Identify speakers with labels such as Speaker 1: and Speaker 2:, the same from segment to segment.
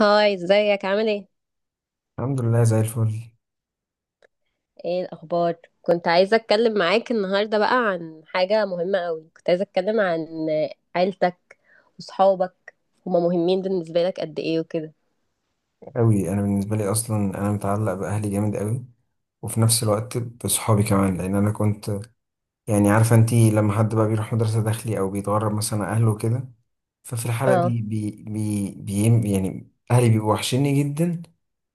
Speaker 1: هاي، ازيك؟ عامل ايه؟
Speaker 2: الحمد لله زي الفل
Speaker 1: ايه الاخبار؟ كنت عايزه اتكلم معاك النهارده بقى عن حاجه مهمه قوي. كنت عايزه اتكلم عن عيلتك وصحابك. هما مهمين بالنسبه لك قد ايه وكده؟
Speaker 2: قوي. انا بالنسبه لي اصلا انا متعلق باهلي جامد قوي، وفي نفس الوقت بصحابي كمان. لان انا كنت يعني عارفه انتي، لما حد بقى بيروح مدرسه داخلي او بيتغرب مثلا عن اهله كده، ففي الحاله
Speaker 1: اه.
Speaker 2: دي بي بي بي يعني اهلي بيبقوا وحشيني جدا.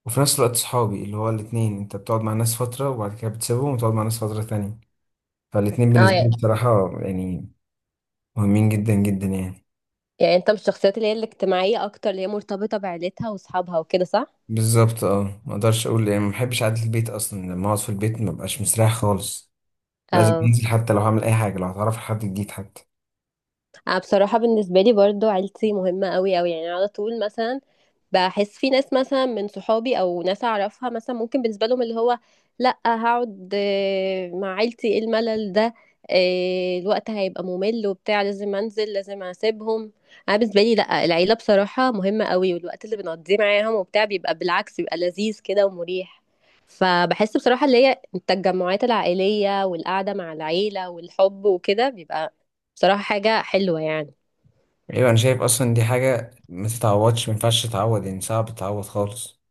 Speaker 2: وفي نفس الوقت صحابي، اللي هو الاتنين انت بتقعد مع ناس فتره وبعد كده بتسيبهم وتقعد مع ناس فتره تانية، فالاتنين
Speaker 1: اه
Speaker 2: بالنسبه لي
Speaker 1: يعني،
Speaker 2: بصراحه يعني مهمين جدا جدا يعني.
Speaker 1: يعني انت من الشخصيات اللي هي الاجتماعيه اكتر، اللي هي مرتبطه بعيلتها وصحابها وكده، صح؟
Speaker 2: بالظبط اه، ما اقدرش اقول يعني ما بحبش قعده البيت اصلا. لما اقعد في البيت ما ببقاش مستريح خالص، لازم
Speaker 1: اه.
Speaker 2: انزل حتى لو هعمل اي حاجه، لو هتعرف على حد جديد حتى.
Speaker 1: أنا بصراحة بالنسبة لي برضو عيلتي مهمة قوي قوي، يعني على طول مثلا بحس في ناس مثلا من صحابي او ناس اعرفها مثلا ممكن بالنسبه لهم اللي هو لا، هقعد مع عيلتي؟ ايه الملل ده؟ الوقت هيبقى ممل وبتاع، لازم انزل، لازم اسيبهم. انا بالنسبه لي لا، العيله بصراحه مهمه قوي، والوقت اللي بنقضيه معاهم وبتاع بيبقى بالعكس، بيبقى لذيذ كده ومريح. فبحس بصراحه اللي هي التجمعات العائليه والقعده مع العيله والحب وكده بيبقى بصراحة حاجة حلوة يعني.
Speaker 2: ايوه انا شايف اصلا دي حاجه ما تتعوضش، ما ينفعش تتعوض يعني، صعب تتعوض خالص.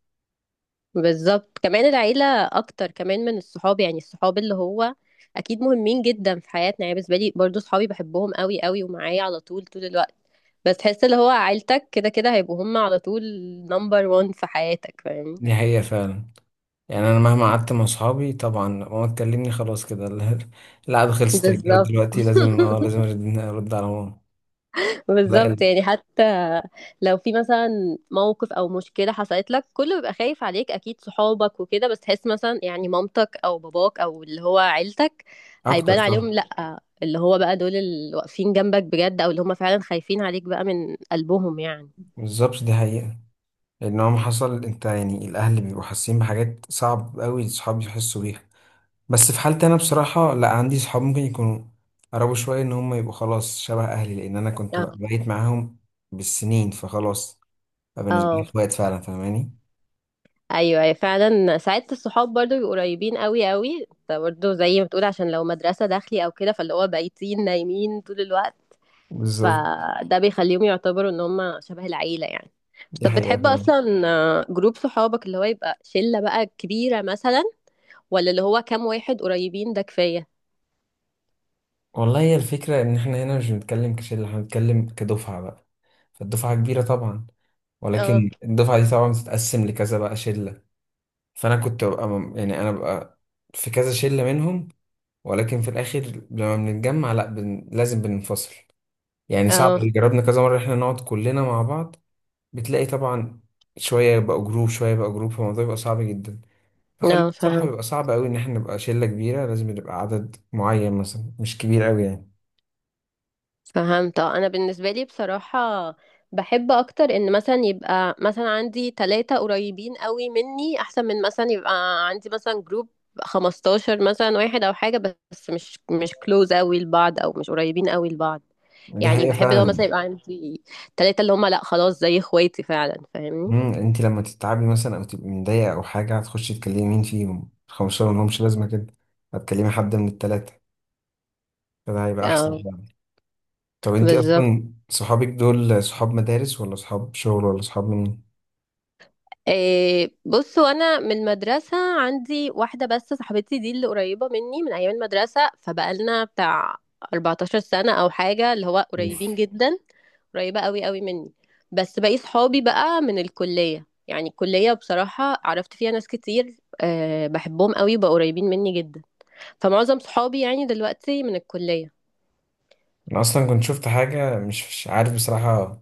Speaker 1: بالظبط، كمان العيلة أكتر كمان من الصحاب. يعني الصحاب اللي هو أكيد مهمين جدا في حياتنا، يعني بالنسبة لي برضو صحابي بحبهم قوي قوي ومعايا على طول طول الوقت، بس تحس اللي هو عيلتك كده كده هيبقوا هم على طول نمبر وان في حياتك، فاهمني؟
Speaker 2: دي حقيقه فعلا. يعني انا مهما قعدت مع اصحابي، طبعا ماما تكلمني خلاص كده القعده خلصت، الرجاله
Speaker 1: بالظبط.
Speaker 2: دلوقتي لازم، اه لازم أرد على ماما. لا
Speaker 1: بالظبط
Speaker 2: ال-
Speaker 1: يعني حتى لو في مثلا موقف او مشكله حصلت لك، كله بيبقى خايف عليك، اكيد صحابك وكده، بس تحس مثلا يعني مامتك او باباك او اللي هو عيلتك
Speaker 2: اكتر
Speaker 1: هيبان عليهم.
Speaker 2: طبعا.
Speaker 1: لا اللي هو بقى دول اللي واقفين جنبك بجد، او اللي هم فعلا خايفين عليك بقى من قلبهم يعني.
Speaker 2: بالظبط دي حقيقه. لان هو ما حصل، انت يعني الاهل بيبقوا حاسين بحاجات صعب قوي الصحاب يحسوا بيها. بس في حالتي انا بصراحه، لا عندي صحاب ممكن يكونوا قربوا شويه ان هم يبقوا خلاص شبه اهلي، لان انا كنت
Speaker 1: اه.
Speaker 2: بقيت معاهم بالسنين فخلاص. فبالنسبه لي
Speaker 1: اه.
Speaker 2: اخوات فعلا فاهماني.
Speaker 1: ايوه أيوة، فعلا ساعات الصحاب برضو بيبقوا قريبين قوي قوي، انت برضو زي ما بتقول عشان لو مدرسه داخلي او كده، فاللي هو بايتين نايمين طول الوقت،
Speaker 2: بالظبط
Speaker 1: فده بيخليهم يعتبروا ان هم شبه العيلة يعني.
Speaker 2: دي
Speaker 1: طب
Speaker 2: حقيقه
Speaker 1: بتحب
Speaker 2: فعلا.
Speaker 1: اصلا جروب صحابك اللي هو يبقى شلة بقى كبيرة مثلا، ولا اللي هو كام واحد قريبين ده كفاية؟
Speaker 2: والله هي الفكره ان احنا هنا مش بنتكلم كشله، احنا بنتكلم كدفعه بقى. فالدفعه كبيره طبعا،
Speaker 1: اه.
Speaker 2: ولكن الدفعه دي طبعا بتتقسم لكذا بقى شله. فانا كنت ببقى انا ببقى في كذا شله منهم. ولكن في الاخر لما بنتجمع، لا بن... لازم بننفصل. يعني صعب،
Speaker 1: اه.
Speaker 2: جربنا كذا مرة احنا نقعد كلنا مع بعض، بتلاقي طبعا شوية يبقى جروب شوية يبقى جروب، فالموضوع بيبقى صعب جدا. فخلينا
Speaker 1: اه
Speaker 2: بصراحة،
Speaker 1: فاهم.
Speaker 2: بيبقى صعب قوي ان احنا نبقى شلة كبيرة، لازم نبقى عدد معين مثلا مش كبير قوي يعني.
Speaker 1: فهمت. اه انا بالنسبه لي بصراحه بحب اكتر ان مثلا يبقى مثلا عندي ثلاثة قريبين قوي مني، احسن من مثلا يبقى عندي مثلا جروب 15 مثلا واحد او حاجه، بس مش كلوز قوي لبعض او مش قريبين قوي لبعض.
Speaker 2: دي
Speaker 1: يعني
Speaker 2: حقيقة
Speaker 1: بحب لو مثلا
Speaker 2: فعلا.
Speaker 1: يبقى عندي ثلاثة اللي هم لا خلاص زي اخواتي، فعلا فاهمني؟
Speaker 2: مم. انت لما تتعبي مثلا او تبقي مضايقة او حاجة، هتخشي تكلمي مين فيهم؟ الخمسة ملهمش لازمة كده، هتكلمي حد من التلاتة، فده هيبقى احسن
Speaker 1: اه.
Speaker 2: يعني. طب انت
Speaker 1: بالظبط.
Speaker 2: اصلا صحابك دول صحاب مدارس ولا صحاب شغل ولا صحاب منين؟
Speaker 1: إيه بصوا، انا من مدرسه عندي واحده بس صاحبتي دي، اللي قريبه مني من ايام المدرسه، فبقالنا بتاع 14 سنة سنه او حاجه، اللي هو قريبين جدا، قريبه قوي قوي مني. بس باقي صحابي بقى من الكليه، يعني الكليه بصراحه عرفت فيها ناس كتير أه، بحبهم قوي، بقوا قريبين مني جدا. فمعظم صحابي يعني دلوقتي من الكليه.
Speaker 2: انا اصلا كنت شفت حاجه، مش عارف بصراحه،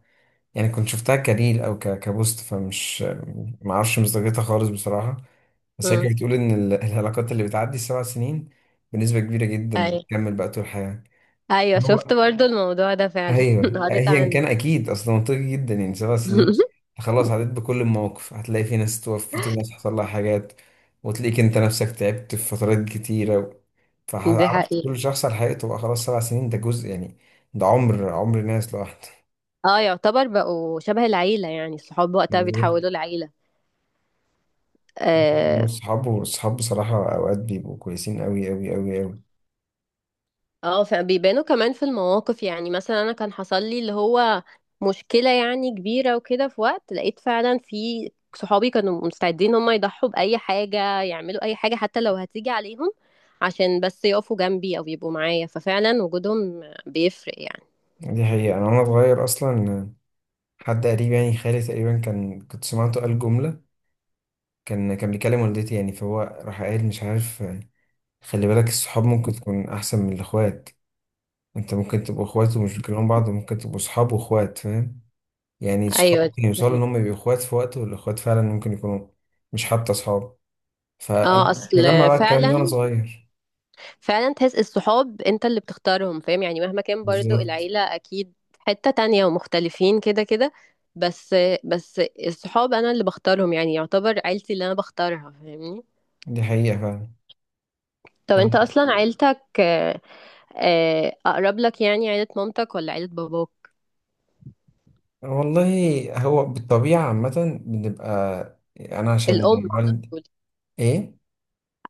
Speaker 2: يعني كنت شفتها كريل او كبوست، فمش ما اعرفش مصداقيتها خالص بصراحه. بس هي
Speaker 1: امم
Speaker 2: كانت بتقول ان العلاقات اللي بتعدي ال 7 سنين بنسبه كبيره جدا
Speaker 1: ايوه.
Speaker 2: بتكمل بقى طول الحياه.
Speaker 1: ايوه شفت
Speaker 2: هو
Speaker 1: برضو الموضوع ده فعلا
Speaker 2: ايوه،
Speaker 1: قريت
Speaker 2: ايا
Speaker 1: عنه.
Speaker 2: كان اكيد اصلا منطقي جدا. يعني 7 سنين، خلاص عديت بكل المواقف، هتلاقي في ناس توفت وناس حصل لها حاجات، وتلاقيك انت نفسك تعبت في فترات كتيره،
Speaker 1: دي
Speaker 2: فعرفت
Speaker 1: حقيقة.
Speaker 2: كل شخص على حقيقته بقى. خلاص 7 سنين ده جزء يعني، ده عمر، عمر ناس لوحده.
Speaker 1: اه، يعتبر بقوا شبه العيلة يعني، الصحاب وقتها
Speaker 2: بالظبط.
Speaker 1: بيتحولوا لعيلة.
Speaker 2: انا
Speaker 1: اه.
Speaker 2: اصحابه اصحاب بصراحه اوقات بيبقوا كويسين قوي قوي قوي قوي.
Speaker 1: فبيبانوا كمان في المواقف. يعني مثلا انا كان حصل لي اللي هو مشكلة يعني كبيرة وكده، في وقت لقيت فعلا في صحابي كانوا مستعدين هم يضحوا بأي حاجة، يعملوا أي حاجة حتى لو هتيجي عليهم، عشان بس يقفوا جنبي أو يبقوا معايا، ففعلا وجودهم بيفرق يعني.
Speaker 2: دي حقيقه. انا وانا صغير اصلا، حد قريب يعني خالي تقريبا، كان كنت سمعته قال جمله، كان بيكلم والدتي يعني، فهو راح قايل مش عارف، خلي بالك الصحاب ممكن تكون احسن من الاخوات. انت ممكن تبقوا اخوات ومش بتكلموا بعض، وممكن تبقوا صحاب واخوات، فاهم يعني؟ الصحاب
Speaker 1: أيوة
Speaker 2: ممكن
Speaker 1: دي
Speaker 2: يوصلوا ان
Speaker 1: حقيقة.
Speaker 2: هم يبقوا اخوات في وقت، والاخوات فعلا ممكن يكونوا مش حتى صحاب. فانا
Speaker 1: اه
Speaker 2: مش مجمع
Speaker 1: أصل.
Speaker 2: بقى الكلام ده وانا
Speaker 1: فعلا.
Speaker 2: صغير.
Speaker 1: فعلا تحس الصحاب انت اللي بتختارهم، فاهم يعني؟ مهما كان برضو
Speaker 2: بالظبط
Speaker 1: العيلة اكيد حتة تانية ومختلفين كده كده، بس بس الصحاب انا اللي بختارهم، يعني يعتبر عيلتي اللي انا بختارها، فاهمني؟
Speaker 2: دي حقيقه
Speaker 1: طب انت
Speaker 2: فعلا.
Speaker 1: اصلا عيلتك اقرب لك يعني، عيلة مامتك ولا عيلة باباك؟
Speaker 2: والله هو بالطبيعة عامة بنبقى، أنا عشان
Speaker 1: الام على
Speaker 2: والد.
Speaker 1: طول.
Speaker 2: إيه؟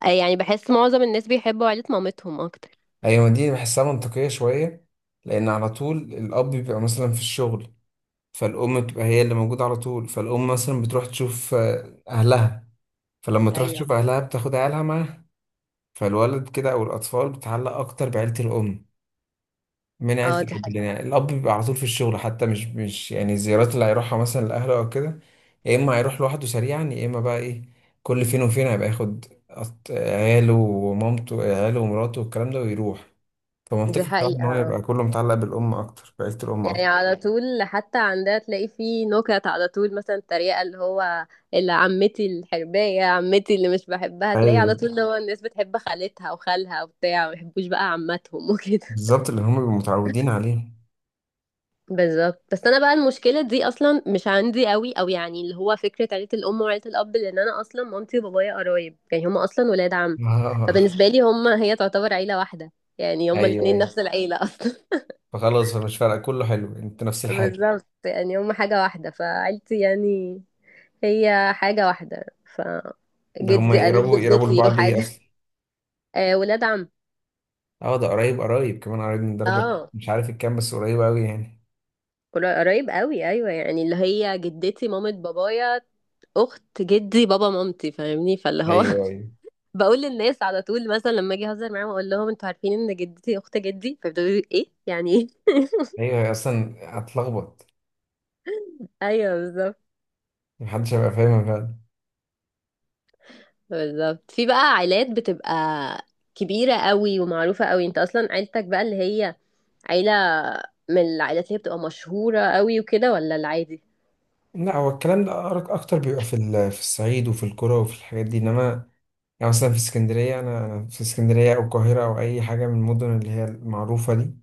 Speaker 1: يعني بحس معظم الناس بيحبوا عيلة مامتهم اكتر.
Speaker 2: أيوة دي بحسها منطقية شوية. لأن على طول الأب بيبقى مثلا في الشغل، فالأم بتبقى هي اللي موجودة على طول. فالأم مثلا بتروح تشوف أهلها، فلما تروح
Speaker 1: ايوه.
Speaker 2: تشوف أهلها بتاخد عيالها معاها، فالولد كده أو الأطفال بتتعلق أكتر بعيلة الأم من عيلة
Speaker 1: اه دي
Speaker 2: الأب.
Speaker 1: حقيقة.
Speaker 2: لأن يعني الأب بيبقى على طول في الشغل، حتى مش مش يعني الزيارات اللي هيروحها مثلا لأهله أو كده، يا إما هيروح لوحده سريعا، يا إما بقى إيه، كل فين وفين هيبقى ياخد عياله ومامته، عياله ومراته والكلام ده ويروح.
Speaker 1: دي
Speaker 2: فمنطقي بصراحة إن
Speaker 1: حقيقة،
Speaker 2: هو يبقى كله متعلق بالأم أكتر، بعيلة الأم
Speaker 1: يعني
Speaker 2: أكتر.
Speaker 1: على طول حتى عندها تلاقي فيه نكت على طول، مثلا تريقة اللي هو اللي عمتي الحرباية، عمتي اللي مش بحبها، تلاقي على
Speaker 2: أيوه
Speaker 1: طول اللي هو الناس بتحب خالتها وخالها وبتاع، ما يحبوش بقى عماتهم وكده.
Speaker 2: بالظبط، اللي هم بيبقوا متعودين عليه.
Speaker 1: بالظبط، بس انا بقى المشكلة دي اصلا مش عندي قوي، او يعني اللي هو فكرة عيلة الام وعيلة الاب، لان انا اصلا مامتي وبابايا قرايب، يعني هما اصلا ولاد عم،
Speaker 2: آه،
Speaker 1: فبالنسبة لي هما هي تعتبر عيلة واحدة، يعني هما
Speaker 2: أيوه
Speaker 1: الاتنين
Speaker 2: أيوه،
Speaker 1: نفس العيلة اصلا.
Speaker 2: فخلاص فمش فارقة، كله حلو، أنت نفس الحاجة.
Speaker 1: بالظبط، يعني هم حاجة واحدة، فعيلتي يعني هي حاجة واحدة. ف
Speaker 2: ده هم
Speaker 1: جدي قريب
Speaker 2: يقربوا
Speaker 1: جدتي
Speaker 2: لبعض إيه
Speaker 1: وحاجة.
Speaker 2: أصلا؟
Speaker 1: آه، ولاد عم.
Speaker 2: أه ده قريب، قريب كمان، قريب من درجة
Speaker 1: اه
Speaker 2: مش عارف الكام، بس قريب أوي يعني.
Speaker 1: قريب قوي، ايوه، يعني اللي هي جدتي مامة بابايا اخت جدي بابا مامتي، فاهمني؟ فاللي هو
Speaker 2: ايوه ايوه
Speaker 1: بقول للناس على طول مثلا لما اجي اهزر معاهم اقول لهم: انتوا عارفين ان جدتي اخت جدي؟ فيبداوا يقولوا: ايه يعني؟ ايه؟
Speaker 2: ايوه. اصلا هتلخبط،
Speaker 1: ايوه بالظبط.
Speaker 2: محدش هيبقى فاهمها فعلا.
Speaker 1: بالظبط. في بقى عائلات بتبقى كبيرة قوي ومعروفة قوي، انت اصلا عيلتك بقى اللي هي عيلة من العائلات اللي هي بتبقى مشهورة قوي وكده، ولا العادي؟
Speaker 2: لا هو الكلام ده اكتر بيبقى في في الصعيد وفي القرى وفي الحاجات دي. انما يعني مثلا في اسكندريه انا، في اسكندريه او القاهره او اي حاجه من المدن اللي هي المعروفه دي،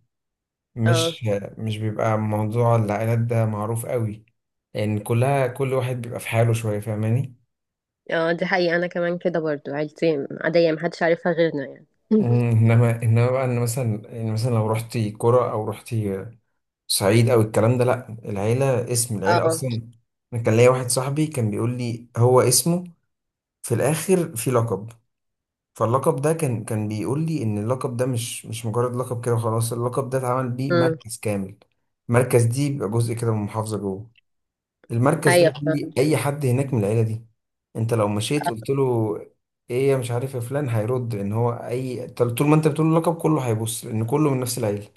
Speaker 1: اه.
Speaker 2: مش مش بيبقى موضوع العائلات ده معروف قوي. لان كلها، كل واحد بيبقى في حاله شويه، فاهماني؟
Speaker 1: اه دي حقيقة، انا كمان كده، برضو عيلتي عادية محدش عارفها غيرنا يعني.
Speaker 2: انما، بقى ان مثلا، لو رحتي قرى او رحتي صعيد او الكلام ده، لا العيله، اسم العيله
Speaker 1: اه.
Speaker 2: اصلا. انا كان ليا واحد صاحبي كان بيقول لي هو اسمه، في الاخر في لقب، فاللقب ده كان بيقول لي ان اللقب ده مش مجرد لقب كده وخلاص، اللقب ده اتعمل بيه
Speaker 1: امم
Speaker 2: مركز كامل. المركز دي بيبقى جزء كده من محافظه جوه. المركز ده
Speaker 1: ايوه
Speaker 2: يقول لي
Speaker 1: فاهمة.
Speaker 2: اي حد هناك من العيله دي، انت لو مشيت قلت له ايه يا مش عارف يا فلان، هيرد ان هو اي، طول ما انت بتقول له لقب كله هيبص، لان كله من نفس العيله.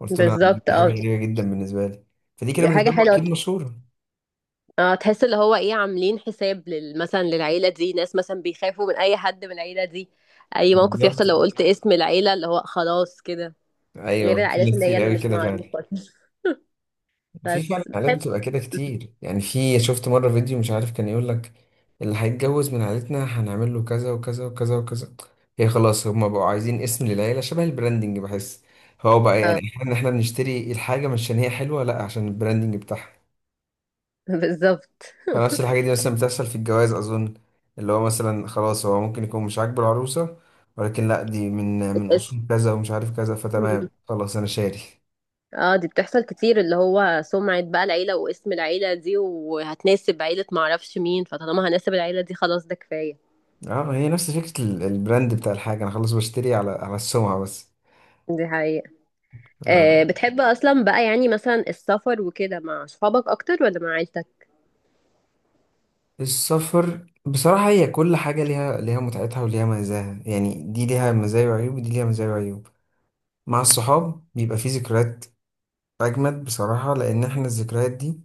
Speaker 2: قلت له
Speaker 1: بالظبط.
Speaker 2: دي حاجة
Speaker 1: اه
Speaker 2: غريبة جدا بالنسبة لي. فدي كده
Speaker 1: حاجة
Speaker 2: بالنسبة له
Speaker 1: حلوة.
Speaker 2: أكيد مشهورة.
Speaker 1: اه تحس اللي هو ايه، عاملين حساب مثلا للعيلة دي، ناس مثلا بيخافوا من اي حد من العيلة دي، اي موقف
Speaker 2: بالظبط.
Speaker 1: يحصل لو قلت اسم العيلة اللي هو خلاص كده. غير
Speaker 2: أيوه في
Speaker 1: العائلات
Speaker 2: ناس
Speaker 1: اللي هي
Speaker 2: كتير
Speaker 1: اللي
Speaker 2: قوي
Speaker 1: مش
Speaker 2: كده فعلا.
Speaker 1: معروفة.
Speaker 2: وفي فعلا
Speaker 1: بس
Speaker 2: حالات
Speaker 1: بحب.
Speaker 2: بتبقى كده كتير، يعني في شفت مرة فيديو مش عارف، كان يقول لك اللي هيتجوز من عيلتنا هنعمل له كذا وكذا وكذا وكذا. هي خلاص هما بقوا عايزين اسم للعيلة شبه البراندنج، بحس هو بقى يعني،
Speaker 1: اه.
Speaker 2: احنا بنشتري الحاجة مش عشان هي حلوة، لا عشان البراندنج بتاعها.
Speaker 1: بالظبط.
Speaker 2: فنفس الحاجة دي مثلا بتحصل في الجواز أظن، اللي هو مثلا خلاص هو ممكن يكون مش عاجبه العروسة، ولكن لأ دي من من
Speaker 1: الاسم.
Speaker 2: أصول كذا ومش عارف كذا، فتمام خلاص أنا شاري.
Speaker 1: اه دي بتحصل كتير، اللي هو سمعة بقى العيلة واسم العيلة دي، وهتناسب عيلة معرفش مين، فطالما هناسب العيلة دي خلاص ده كفاية.
Speaker 2: اه هي نفس فكرة البراند بتاع الحاجة، أنا خلاص بشتري على السمعة بس.
Speaker 1: دي حقيقة. آه،
Speaker 2: آه،
Speaker 1: بتحب اصلا بقى يعني مثلا السفر وكده مع صحابك اكتر ولا مع عيلتك؟
Speaker 2: السفر بصراحة، هي كل حاجة ليها، متعتها وليها مزاها يعني، دي ليها مزايا وعيوب ودي ليها مزايا وعيوب. مع الصحاب بيبقى فيه ذكريات أجمد بصراحة، لأن إحنا الذكريات دي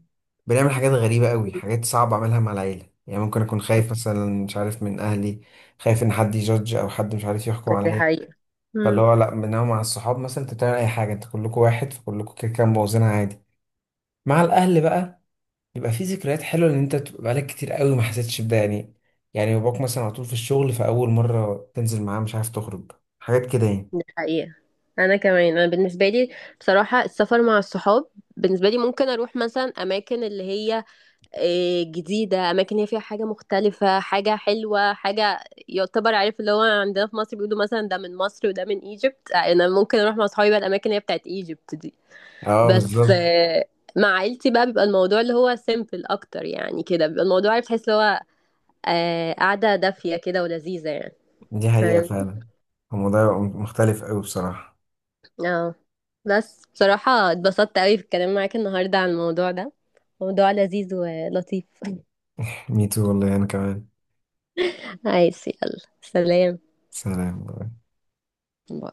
Speaker 2: بنعمل حاجات غريبة قوي، حاجات صعبة أعملها مع العيلة. يعني ممكن أكون خايف مثلا مش عارف من أهلي، خايف إن حد يجادج أو حد مش عارف يحكم
Speaker 1: دي
Speaker 2: عليا.
Speaker 1: حقيقة.
Speaker 2: فاللي
Speaker 1: مم.
Speaker 2: هو لأ، إنما مع الصحاب مثلا أنت بتعمل أي حاجة، أنت كلكم واحد فكلكم كده كده مبوظينها عادي. مع الأهل بقى، بيبقى في ذكريات حلوة، إن أنت بتبقى بقالك كتير قوي ما حسيتش بده يعني. يعني باباك مثلا على طول في الشغل، فأول مرة تنزل معاه مش عارف تخرج، حاجات كده يعني.
Speaker 1: دي حقيقة. أنا كمان، أنا بالنسبة لي بصراحة السفر مع الصحاب، بالنسبة لي ممكن أروح مثلا أماكن اللي هي جديدة، أماكن هي فيها حاجة مختلفة، حاجة حلوة، حاجة يعتبر عارف اللي هو عندنا في مصر بيقولوا مثلا ده من مصر وده من ايجيبت، أنا ممكن أروح مع أصحابي بقى الأماكن اللي هي بتاعت ايجيبت دي.
Speaker 2: أه
Speaker 1: بس
Speaker 2: بالظبط.
Speaker 1: مع عيلتي بقى بيبقى الموضوع اللي هو سيمبل أكتر، يعني كده بيبقى الموضوع عارف، تحس اللي هو قعدة دافية كده ولذيذة يعني،
Speaker 2: دي حقيقة
Speaker 1: فاهمني؟
Speaker 2: فعلا، الموضوع يبقى مختلف قوي بصراحة.
Speaker 1: اه. بس بصراحة اتبسطت قوي في الكلام معاك النهاردة عن الموضوع ده، موضوع لذيذ ولطيف.
Speaker 2: ميتو والله أنا كمان.
Speaker 1: عايز يلا سلام.
Speaker 2: سلام.
Speaker 1: باي.